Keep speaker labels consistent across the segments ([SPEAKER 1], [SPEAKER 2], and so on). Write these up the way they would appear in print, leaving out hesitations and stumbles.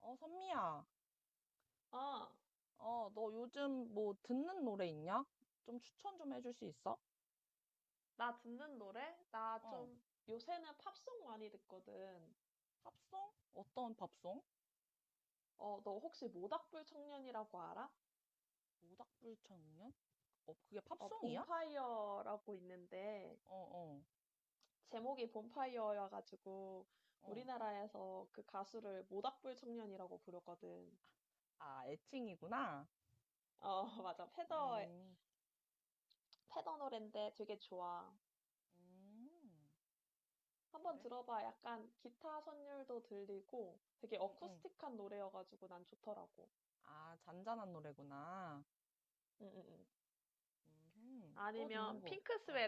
[SPEAKER 1] 어, 선미야,
[SPEAKER 2] 아,
[SPEAKER 1] 어, 너 요즘 뭐 듣는 노래 있냐? 좀 추천 좀 해줄 수 있어?
[SPEAKER 2] 나 듣는 노래? 나
[SPEAKER 1] 어,
[SPEAKER 2] 좀 요새는 팝송 많이 듣거든.
[SPEAKER 1] 팝송? 어떤 팝송?
[SPEAKER 2] 어, 너 혹시 모닥불 청년이라고 알아?
[SPEAKER 1] 오닥불청년 어, 그게
[SPEAKER 2] 어,
[SPEAKER 1] 팝송이야? 어,
[SPEAKER 2] 봄파이어라고 있는데
[SPEAKER 1] 어,
[SPEAKER 2] 제목이 봄파이어여가지고
[SPEAKER 1] 어.
[SPEAKER 2] 우리나라에서 그 가수를 모닥불 청년이라고 부르거든.
[SPEAKER 1] 아, 애칭이구나.
[SPEAKER 2] 어, 맞아. 패더,
[SPEAKER 1] 음,
[SPEAKER 2] 패더 노랜데 되게 좋아.
[SPEAKER 1] 음,
[SPEAKER 2] 한번
[SPEAKER 1] 그래?
[SPEAKER 2] 들어봐. 약간 기타 선율도 들리고 되게
[SPEAKER 1] 응, 응.
[SPEAKER 2] 어쿠스틱한 노래여가지고 난 좋더라고.
[SPEAKER 1] 아, 잔잔한 노래구나.
[SPEAKER 2] 응, 응, 응.
[SPEAKER 1] 또 듣는
[SPEAKER 2] 아니면
[SPEAKER 1] 거.
[SPEAKER 2] 핑크스웨트
[SPEAKER 1] 어,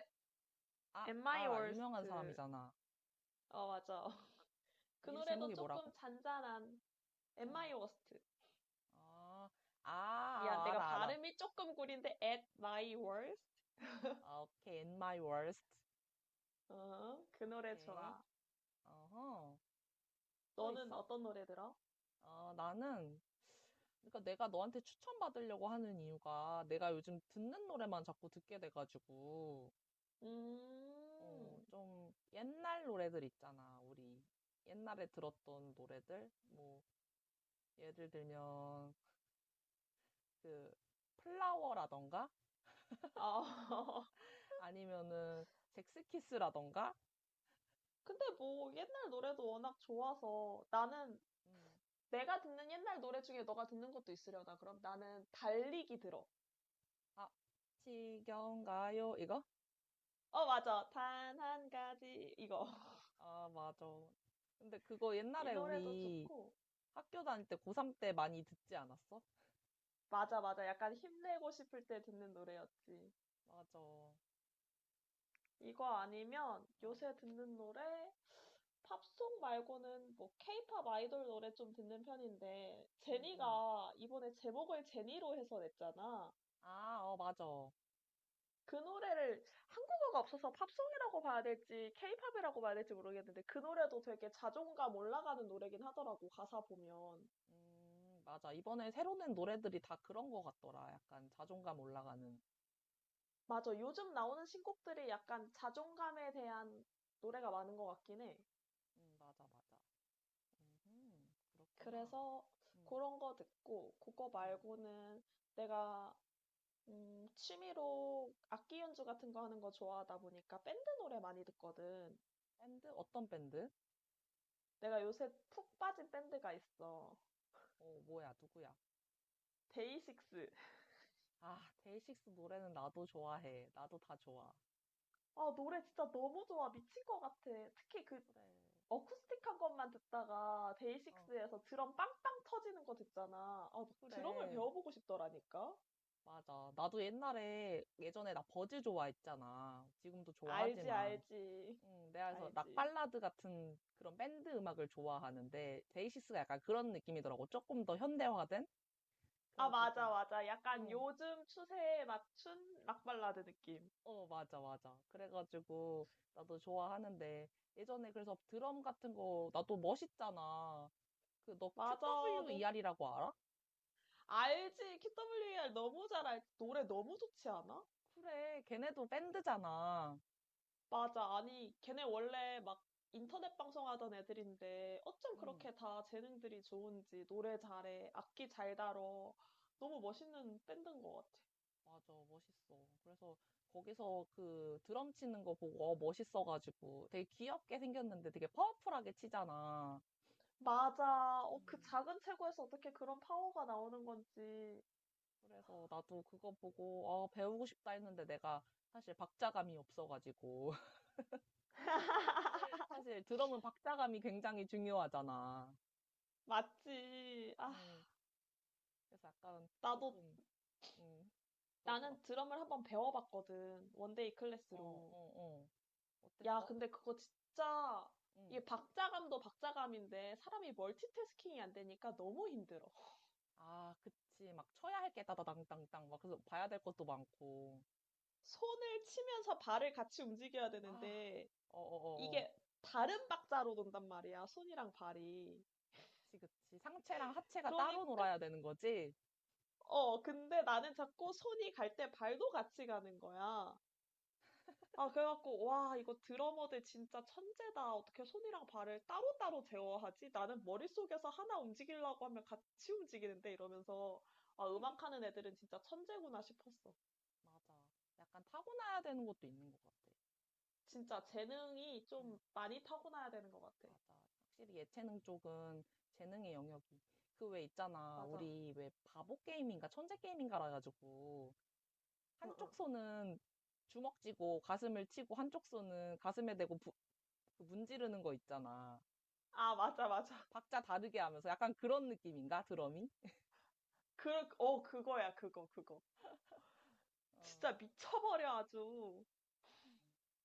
[SPEAKER 1] 아,
[SPEAKER 2] At My
[SPEAKER 1] 알아.
[SPEAKER 2] Worst.
[SPEAKER 1] 유명한 사람이잖아.
[SPEAKER 2] 어, 맞아. 그
[SPEAKER 1] 이
[SPEAKER 2] 노래도
[SPEAKER 1] 제목이 뭐라고?
[SPEAKER 2] 조금 잔잔한 At
[SPEAKER 1] 어,
[SPEAKER 2] My Worst.
[SPEAKER 1] 아, 아,
[SPEAKER 2] 미안,
[SPEAKER 1] 아,
[SPEAKER 2] 내가
[SPEAKER 1] 알아, 알아.
[SPEAKER 2] 발음이 조금 구린데 At My Worst.
[SPEAKER 1] 아, 오케이, In My Worst.
[SPEAKER 2] 어, 그 노래
[SPEAKER 1] 오케이.
[SPEAKER 2] 좋아.
[SPEAKER 1] 어허. 또
[SPEAKER 2] 너는
[SPEAKER 1] 있어?
[SPEAKER 2] 어떤 노래 들어?
[SPEAKER 1] 어, 나는, 그러니까 내가 너한테 추천받으려고 하는 이유가 내가 요즘 듣는 노래만 자꾸 듣게 돼가지고,
[SPEAKER 2] 음,
[SPEAKER 1] 어, 좀 옛날 노래들 있잖아, 우리. 옛날에 들었던 노래들? 뭐, 예를 들면, 그, 플라워라던가?
[SPEAKER 2] 아,
[SPEAKER 1] 아니면은, 잭스키스라던가?
[SPEAKER 2] 근데 뭐 옛날 노래도 워낙 좋아서 나는
[SPEAKER 1] 음,
[SPEAKER 2] 내가 듣는 옛날 노래 중에 너가 듣는 것도 있으려나? 그럼 나는 달리기 들어.
[SPEAKER 1] 아, 지겨운가요? 이거?
[SPEAKER 2] 어, 맞아. 단 한 가지 이거.
[SPEAKER 1] 아, 맞아. 근데 그거
[SPEAKER 2] 이
[SPEAKER 1] 옛날에
[SPEAKER 2] 노래도
[SPEAKER 1] 우리
[SPEAKER 2] 좋고.
[SPEAKER 1] 학교 다닐 때 고3 때 많이 듣지 않았어?
[SPEAKER 2] 맞아, 맞아. 약간 힘내고 싶을 때 듣는 노래였지.
[SPEAKER 1] 맞아. 어,
[SPEAKER 2] 이거 아니면 요새 듣는 노래, 팝송 말고는 뭐 케이팝 아이돌 노래 좀 듣는 편인데,
[SPEAKER 1] 응, 응.
[SPEAKER 2] 제니가 이번에 제목을 제니로 해서 냈잖아.
[SPEAKER 1] 아, 어, 맞아.
[SPEAKER 2] 그 노래를 한국어가 없어서 팝송이라고 봐야 될지 케이팝이라고 봐야 될지 모르겠는데, 그 노래도 되게 자존감 올라가는 노래긴 하더라고, 가사 보면.
[SPEAKER 1] 맞아. 이번에 새로 낸 노래들이 다 그런 거 같더라. 약간 자존감 올라가는.
[SPEAKER 2] 맞아, 요즘 나오는 신곡들이 약간 자존감에 대한 노래가 많은 것 같긴 해.
[SPEAKER 1] 맞아, 맞아. 음, 그렇구나.
[SPEAKER 2] 그래서
[SPEAKER 1] 음,
[SPEAKER 2] 그런 거 듣고, 그거
[SPEAKER 1] 음.
[SPEAKER 2] 말고는 내가, 취미로 악기 연주 같은 거 하는 거 좋아하다 보니까 밴드 노래 많이 듣거든.
[SPEAKER 1] 밴드? 어떤 밴드?
[SPEAKER 2] 내가 요새 푹 빠진 밴드가 있어.
[SPEAKER 1] 어, 뭐야, 누구야?
[SPEAKER 2] 데이식스.
[SPEAKER 1] 아, 데이식스 노래는 나도 좋아해. 나도 다 좋아.
[SPEAKER 2] 아, 노래 진짜 너무 좋아. 미친 것 같아. 특히 그
[SPEAKER 1] 그래.
[SPEAKER 2] 어쿠스틱한 것만 듣다가
[SPEAKER 1] 어,
[SPEAKER 2] 데이식스에서 드럼 빵빵 터지는 거 듣잖아. 아, 막 드럼을
[SPEAKER 1] 그래.
[SPEAKER 2] 배워보고 싶더라니까.
[SPEAKER 1] 맞아. 나도 옛날에, 예전에 나 버즈 좋아했잖아. 지금도
[SPEAKER 2] 알지,
[SPEAKER 1] 좋아하지만.
[SPEAKER 2] 알지.
[SPEAKER 1] 내가 그래서 락
[SPEAKER 2] 알지.
[SPEAKER 1] 발라드 같은 그런 밴드 음악을 좋아하는데, 데이시스가 약간 그런 느낌이더라고. 조금 더 현대화된?
[SPEAKER 2] 아, 맞아,
[SPEAKER 1] 그래가지고,
[SPEAKER 2] 맞아. 약간
[SPEAKER 1] 응,
[SPEAKER 2] 요즘 추세에 맞춘 락 발라드 느낌.
[SPEAKER 1] 어, 맞아, 맞아. 그래가지고, 나도 좋아하는데, 예전에 그래서 드럼 같은 거, 나도 멋있잖아. 그, 너
[SPEAKER 2] 맞아, 너
[SPEAKER 1] QWER이라고 알아?
[SPEAKER 2] 알지? KWAR 너무 잘 알지? 노래 너무 좋지 않아?
[SPEAKER 1] 그래, 걔네도 밴드잖아.
[SPEAKER 2] 맞아. 아니, 걔네 원래 막 인터넷 방송하던 애들인데 어쩜
[SPEAKER 1] 응.
[SPEAKER 2] 그렇게 다 재능들이 좋은지 노래 잘해, 악기 잘 다뤄. 너무 멋있는 밴드인 것 같아.
[SPEAKER 1] 맞아, 멋있어. 그래서 거기서 그 드럼 치는 거 보고 어, 멋있어가지고 되게 귀엽게 생겼는데 되게 파워풀하게 치잖아.
[SPEAKER 2] 맞아. 어, 그
[SPEAKER 1] 음,
[SPEAKER 2] 작은 체구에서 어떻게 그런 파워가 나오는 건지.
[SPEAKER 1] 그래서 나도 그거 보고 어, 배우고 싶다 했는데 내가 사실 박자감이 없어가지고 사실 드럼은 박자감이 굉장히 중요하잖아.
[SPEAKER 2] 맞지. 아,
[SPEAKER 1] 음, 그래서 약간
[SPEAKER 2] 나도
[SPEAKER 1] 조금 음,
[SPEAKER 2] 나는
[SPEAKER 1] 그렇더라고.
[SPEAKER 2] 드럼을 한번 배워봤거든. 원데이
[SPEAKER 1] 어,
[SPEAKER 2] 클래스로.
[SPEAKER 1] 어, 어.
[SPEAKER 2] 야,
[SPEAKER 1] 어땠어?
[SPEAKER 2] 근데 그거 진짜
[SPEAKER 1] 음.
[SPEAKER 2] 이게 박자감도 박자감인데 사람이 멀티태스킹이 안 되니까 너무 힘들어.
[SPEAKER 1] 아, 그치. 막 쳐야 할 게 따다당당당 막 그래서 봐야 될 것도 많고.
[SPEAKER 2] 손을 치면서 발을 같이 움직여야
[SPEAKER 1] 아,
[SPEAKER 2] 되는데
[SPEAKER 1] 어어어어.
[SPEAKER 2] 이게 다른 박자로 돈단 말이야. 손이랑 발이.
[SPEAKER 1] 그치, 그치. 상체랑 하체가 따로
[SPEAKER 2] 그러니까
[SPEAKER 1] 놀아야 되는 거지?
[SPEAKER 2] 어, 근데 나는 자꾸 손이 갈 때 발도 같이 가는 거야. 아, 그래갖고, 와, 이거 드러머들 진짜 천재다. 어떻게 손이랑 발을 따로따로 제어하지? 나는 머릿속에서 하나 움직이려고 하면 같이 움직이는데 이러면서, 아, 음악하는 애들은 진짜 천재구나 싶었어.
[SPEAKER 1] 맞아. 약간 타고나야 되는 것도 있는 것 같아.
[SPEAKER 2] 진짜 재능이 좀
[SPEAKER 1] 응,
[SPEAKER 2] 많이 타고나야
[SPEAKER 1] 맞아.
[SPEAKER 2] 되는 것 같아.
[SPEAKER 1] 확실히 예체능 쪽은 재능의 영역이. 그 왜 있잖아.
[SPEAKER 2] 맞아.
[SPEAKER 1] 우리 왜 바보 게임인가 천재 게임인가라 가지고
[SPEAKER 2] 응, 응.
[SPEAKER 1] 한쪽 손은 주먹 쥐고 가슴을 치고 한쪽 손은 가슴에 대고 그 문지르는 거 있잖아.
[SPEAKER 2] 아, 맞아, 맞아.
[SPEAKER 1] 박자 다르게 하면서 약간 그런 느낌인가? 드럼이?
[SPEAKER 2] 그, 어, 그거야, 그거, 그거.
[SPEAKER 1] 어,
[SPEAKER 2] 진짜 미쳐버려, 아주.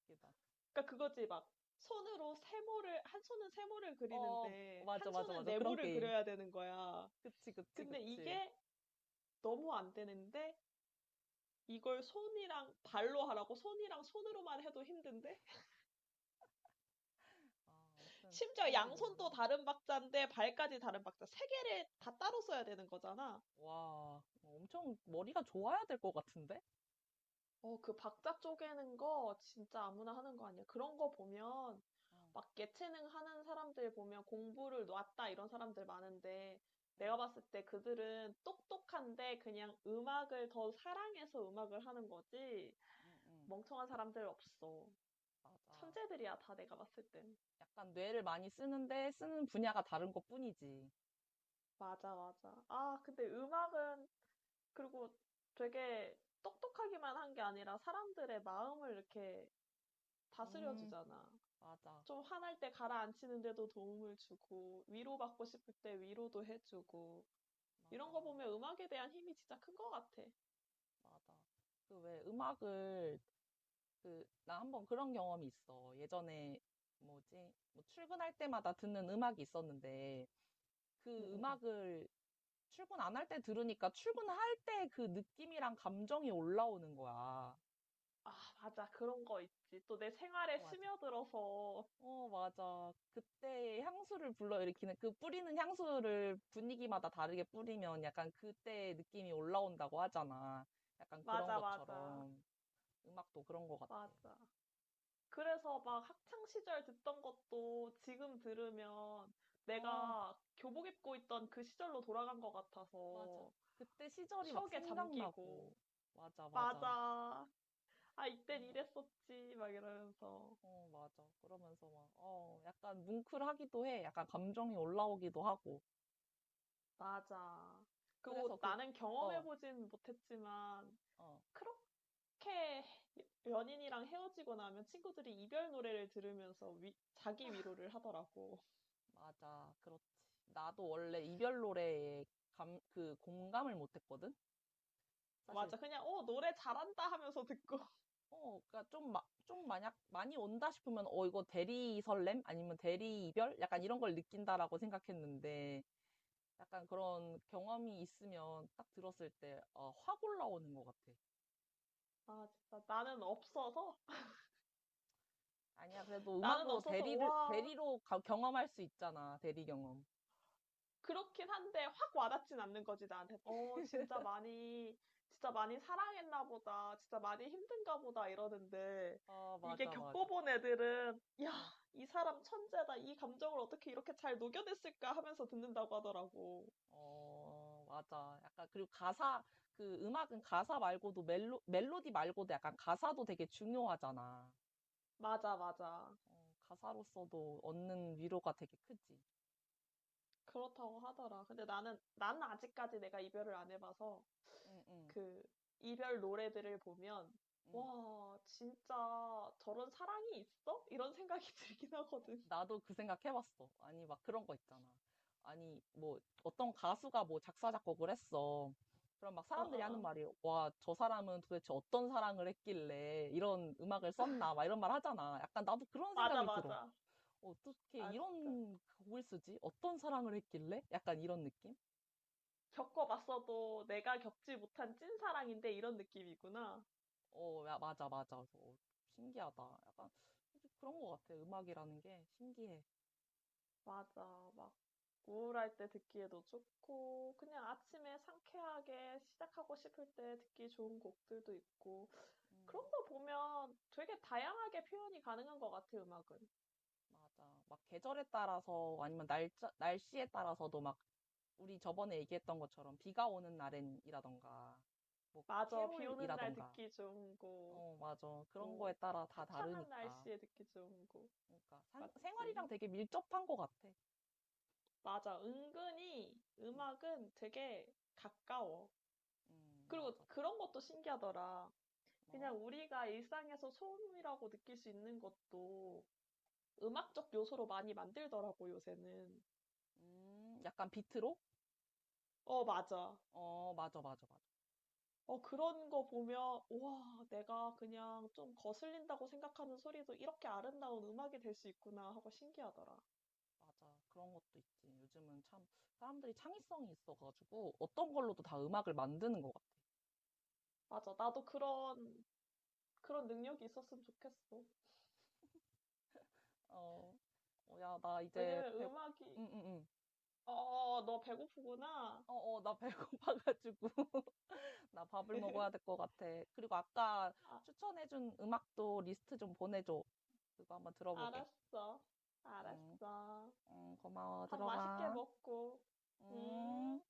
[SPEAKER 1] 웃기다.
[SPEAKER 2] 그러니까 그거지, 막. 손으로 세모를, 한 손은 세모를
[SPEAKER 1] 어,
[SPEAKER 2] 그리는데,
[SPEAKER 1] 맞아,
[SPEAKER 2] 한
[SPEAKER 1] 맞아,
[SPEAKER 2] 손은
[SPEAKER 1] 맞아. 그런
[SPEAKER 2] 네모를
[SPEAKER 1] 게임.
[SPEAKER 2] 그려야 되는 거야.
[SPEAKER 1] 그치, 그치,
[SPEAKER 2] 근데
[SPEAKER 1] 그치.
[SPEAKER 2] 이게 너무 안 되는데 이걸 손이랑 발로 하라고 손이랑 손으로만 해도 힘든데
[SPEAKER 1] 아, 아무튼
[SPEAKER 2] 심지어
[SPEAKER 1] 밴드 노래는
[SPEAKER 2] 양손도 다른 박자인데 발까지 다른 박자 세 개를 다 따로 써야 되는 거잖아.
[SPEAKER 1] 와, 엄청 머리가 좋아야 될 것 같은데?
[SPEAKER 2] 어, 그 박자 쪼개는 거 진짜 아무나 하는 거 아니야. 그런 거 보면 막
[SPEAKER 1] 응
[SPEAKER 2] 예체능 하는 사람들 보면 공부를 놨다 이런 사람들 많은데
[SPEAKER 1] 응,
[SPEAKER 2] 내가 봤을 때 그들은 똑똑한데 그냥 음악을 더 사랑해서 음악을 하는 거지
[SPEAKER 1] 응, 응,
[SPEAKER 2] 멍청한 사람들 없어.
[SPEAKER 1] 맞아.
[SPEAKER 2] 천재들이야 다 내가 봤을 땐.
[SPEAKER 1] 약간 뇌를 많이 쓰는데 쓰는 분야가 다른 것뿐이지.
[SPEAKER 2] 맞아, 맞아. 아, 근데 음악은 그리고 되게 똑똑하기만 한 게 아니라 사람들의 마음을 이렇게 다스려
[SPEAKER 1] 음,
[SPEAKER 2] 주잖아.
[SPEAKER 1] 맞아,
[SPEAKER 2] 좀 화날 때 가라앉히는데도 도움을 주고, 위로받고 싶을 때 위로도 해주고, 이런
[SPEAKER 1] 맞아, 맞아.
[SPEAKER 2] 거 보면 음악에 대한 힘이 진짜 큰 것 같아.
[SPEAKER 1] 그 왜 음악을 그 나 한번 그런 경험이 있어. 예전에 뭐지? 뭐 출근할 때마다 듣는 음악이 있었는데
[SPEAKER 2] 응, 응,
[SPEAKER 1] 그
[SPEAKER 2] 응.
[SPEAKER 1] 음악을 출근 안 할 때 들으니까 출근할 때 그 느낌이랑 감정이 올라오는 거야.
[SPEAKER 2] 아, 맞아. 그런 거 있지. 또 내 생활에
[SPEAKER 1] 맞아.
[SPEAKER 2] 스며들어서.
[SPEAKER 1] 어, 맞아. 그때 향수를 불러일으키는, 그 뿌리는 향수를 분위기마다 다르게 뿌리면 약간 그때 느낌이 올라온다고 하잖아. 약간 그런
[SPEAKER 2] 맞아, 맞아.
[SPEAKER 1] 것처럼. 음악도 그런 것 같아.
[SPEAKER 2] 맞아. 그래서 막 학창 시절 듣던 것도 지금 들으면
[SPEAKER 1] 어,
[SPEAKER 2] 내가 교복 입고 있던 그 시절로 돌아간 것
[SPEAKER 1] 맞아.
[SPEAKER 2] 같아서
[SPEAKER 1] 그때 시절이 막
[SPEAKER 2] 추억에
[SPEAKER 1] 생각나고.
[SPEAKER 2] 잠기고,
[SPEAKER 1] 맞아, 맞아.
[SPEAKER 2] 맞아. 아, 이땐
[SPEAKER 1] 그런 것 같아.
[SPEAKER 2] 이랬었지. 막 이러면서,
[SPEAKER 1] 어, 맞아. 그러면서 막, 어, 약간 뭉클하기도 해. 약간 감정이 올라오기도 하고.
[SPEAKER 2] 맞아.
[SPEAKER 1] 그래서
[SPEAKER 2] 그리고
[SPEAKER 1] 그,
[SPEAKER 2] 나는
[SPEAKER 1] 어,
[SPEAKER 2] 경험해보진 못했지만,
[SPEAKER 1] 어,
[SPEAKER 2] 그렇게 연인이랑 헤어지고 나면 친구들이 이별 노래를 들으면서 위- 자기 위로를 하더라고.
[SPEAKER 1] 맞아. 그렇지. 나도 원래 이별 노래에 그 공감을 못했거든? 사실,
[SPEAKER 2] 맞아. 그냥, 어, 노래 잘한다 하면서 듣고.
[SPEAKER 1] 어, 그니까 좀, 좀 만약 많이 온다 싶으면, 어, 이거 대리 설렘? 아니면 대리 이별? 약간 이런 걸 느낀다라고 생각했는데, 약간 그런 경험이 있으면 딱 들었을 때, 어, 확 올라오는 것 같아.
[SPEAKER 2] 아, 진짜 나는 없어서
[SPEAKER 1] 아니야, 그래도
[SPEAKER 2] 나는
[SPEAKER 1] 음악으로
[SPEAKER 2] 없어서 와
[SPEAKER 1] 대리로 경험할 수 있잖아. 대리 경험.
[SPEAKER 2] 그렇긴 한데 확 와닿진 않는 거지 나한테. 어, 진짜 많이 사랑했나 보다. 진짜 많이 힘든가 보다 이러는데
[SPEAKER 1] 아,
[SPEAKER 2] 이게
[SPEAKER 1] 맞아, 맞아.
[SPEAKER 2] 겪어본 애들은 야
[SPEAKER 1] 응.
[SPEAKER 2] 이 사람 천재다. 이 감정을 어떻게 이렇게 잘 녹여냈을까 하면서 듣는다고 하더라고.
[SPEAKER 1] 어, 맞아. 약간, 그리고 가사, 그 음악은 가사 말고도 멜로디 말고도 약간 가사도 되게 중요하잖아.
[SPEAKER 2] 맞아 맞아.
[SPEAKER 1] 어, 가사로서도 얻는 위로가 되게 크지.
[SPEAKER 2] 그렇다고 하더라. 근데 나는 아직까지 내가 이별을 안 해봐서
[SPEAKER 1] 응, 응,
[SPEAKER 2] 그 이별 노래들을 보면
[SPEAKER 1] 응.
[SPEAKER 2] 와, 진짜 저런 사랑이 있어? 이런 생각이 들긴
[SPEAKER 1] 어,
[SPEAKER 2] 하거든.
[SPEAKER 1] 나도 그 생각 해봤어. 아니, 막 그런 거 있잖아. 아니, 뭐, 어떤 가수가 뭐 작사, 작곡을 했어. 그럼 막
[SPEAKER 2] 어, 어,
[SPEAKER 1] 사람들이 하는
[SPEAKER 2] 어.
[SPEAKER 1] 말이, 와, 저 사람은 도대체 어떤 사랑을 했길래 이런 음악을 썼나, 막 이런 말 하잖아. 약간 나도 그런
[SPEAKER 2] 맞아,
[SPEAKER 1] 생각이 들어.
[SPEAKER 2] 맞아.
[SPEAKER 1] 어떻게
[SPEAKER 2] 아, 진짜.
[SPEAKER 1] 이런 곡을 쓰지? 어떤 사랑을 했길래? 약간 이런 느낌?
[SPEAKER 2] 겪어봤어도 내가 겪지 못한 찐 사랑인데 이런 느낌이구나.
[SPEAKER 1] 어, 야, 맞아, 맞아. 그래서 어, 신기하다. 약간 그런 것 같아. 음악이라는 게 신기해.
[SPEAKER 2] 맞아. 막 우울할 때 듣기에도 좋고, 그냥 아침에 상쾌하게 시작하고 싶을 때 듣기 좋은 곡들도 있고.
[SPEAKER 1] 음,
[SPEAKER 2] 그런 거 보면 되게 다양하게 표현이 가능한 것 같아, 음악은.
[SPEAKER 1] 맞아. 막 계절에 따라서 아니면 날짜, 날씨에 따라서도 막 우리 저번에 얘기했던 것처럼 비가 오는 날엔이라던가 뭐
[SPEAKER 2] 맞아, 비 오는 날
[SPEAKER 1] 캐롤이라던가
[SPEAKER 2] 듣기 좋은 곡,
[SPEAKER 1] 어, 맞아. 그런 거에
[SPEAKER 2] 뭐,
[SPEAKER 1] 따라 다
[SPEAKER 2] 화창한
[SPEAKER 1] 다르니까.
[SPEAKER 2] 날씨에 듣기 좋은 곡,
[SPEAKER 1] 그러니까 생활이랑
[SPEAKER 2] 맞지?
[SPEAKER 1] 되게 밀접한 것 같아.
[SPEAKER 2] 맞아, 은근히
[SPEAKER 1] 음,
[SPEAKER 2] 음악은 되게 가까워.
[SPEAKER 1] 맞아,
[SPEAKER 2] 그리고
[SPEAKER 1] 맞아.
[SPEAKER 2] 그런 것도 신기하더라.
[SPEAKER 1] 뭐?
[SPEAKER 2] 그냥 우리가 일상에서 소음이라고 느낄 수 있는 것도 음악적 요소로 많이 만들더라고, 요새는.
[SPEAKER 1] 약간 비트로?
[SPEAKER 2] 어, 맞아.
[SPEAKER 1] 어, 맞아, 맞아, 맞아.
[SPEAKER 2] 어, 그런 거 보면, 우와, 내가 그냥 좀 거슬린다고 생각하는 소리도 이렇게 아름다운 음악이 될 수 있구나 하고 신기하더라.
[SPEAKER 1] 맞아. 그런 것도 있지. 요즘은 참 사람들이 창의성이 있어가지고 어떤 걸로도 다 음악을 만드는 것 같아.
[SPEAKER 2] 맞아. 나도 그런 능력이 있었으면 좋겠어.
[SPEAKER 1] 어, 어, 야, 나 이제
[SPEAKER 2] 왜냐면
[SPEAKER 1] 배,
[SPEAKER 2] 음악이,
[SPEAKER 1] 응, 응, 응.
[SPEAKER 2] 어, 너 배고프구나.
[SPEAKER 1] 어, 어, 나 배고파가지고 나 밥을 먹어야 될 것 같아. 그리고 아까
[SPEAKER 2] 아,
[SPEAKER 1] 추천해준 음악도 리스트 좀 보내줘. 그거 한번 들어보게.
[SPEAKER 2] 알았어.
[SPEAKER 1] 응,
[SPEAKER 2] 알았어.
[SPEAKER 1] 응, 고마워.
[SPEAKER 2] 밥 맛있게
[SPEAKER 1] 들어가.
[SPEAKER 2] 먹고.
[SPEAKER 1] 음.
[SPEAKER 2] 음.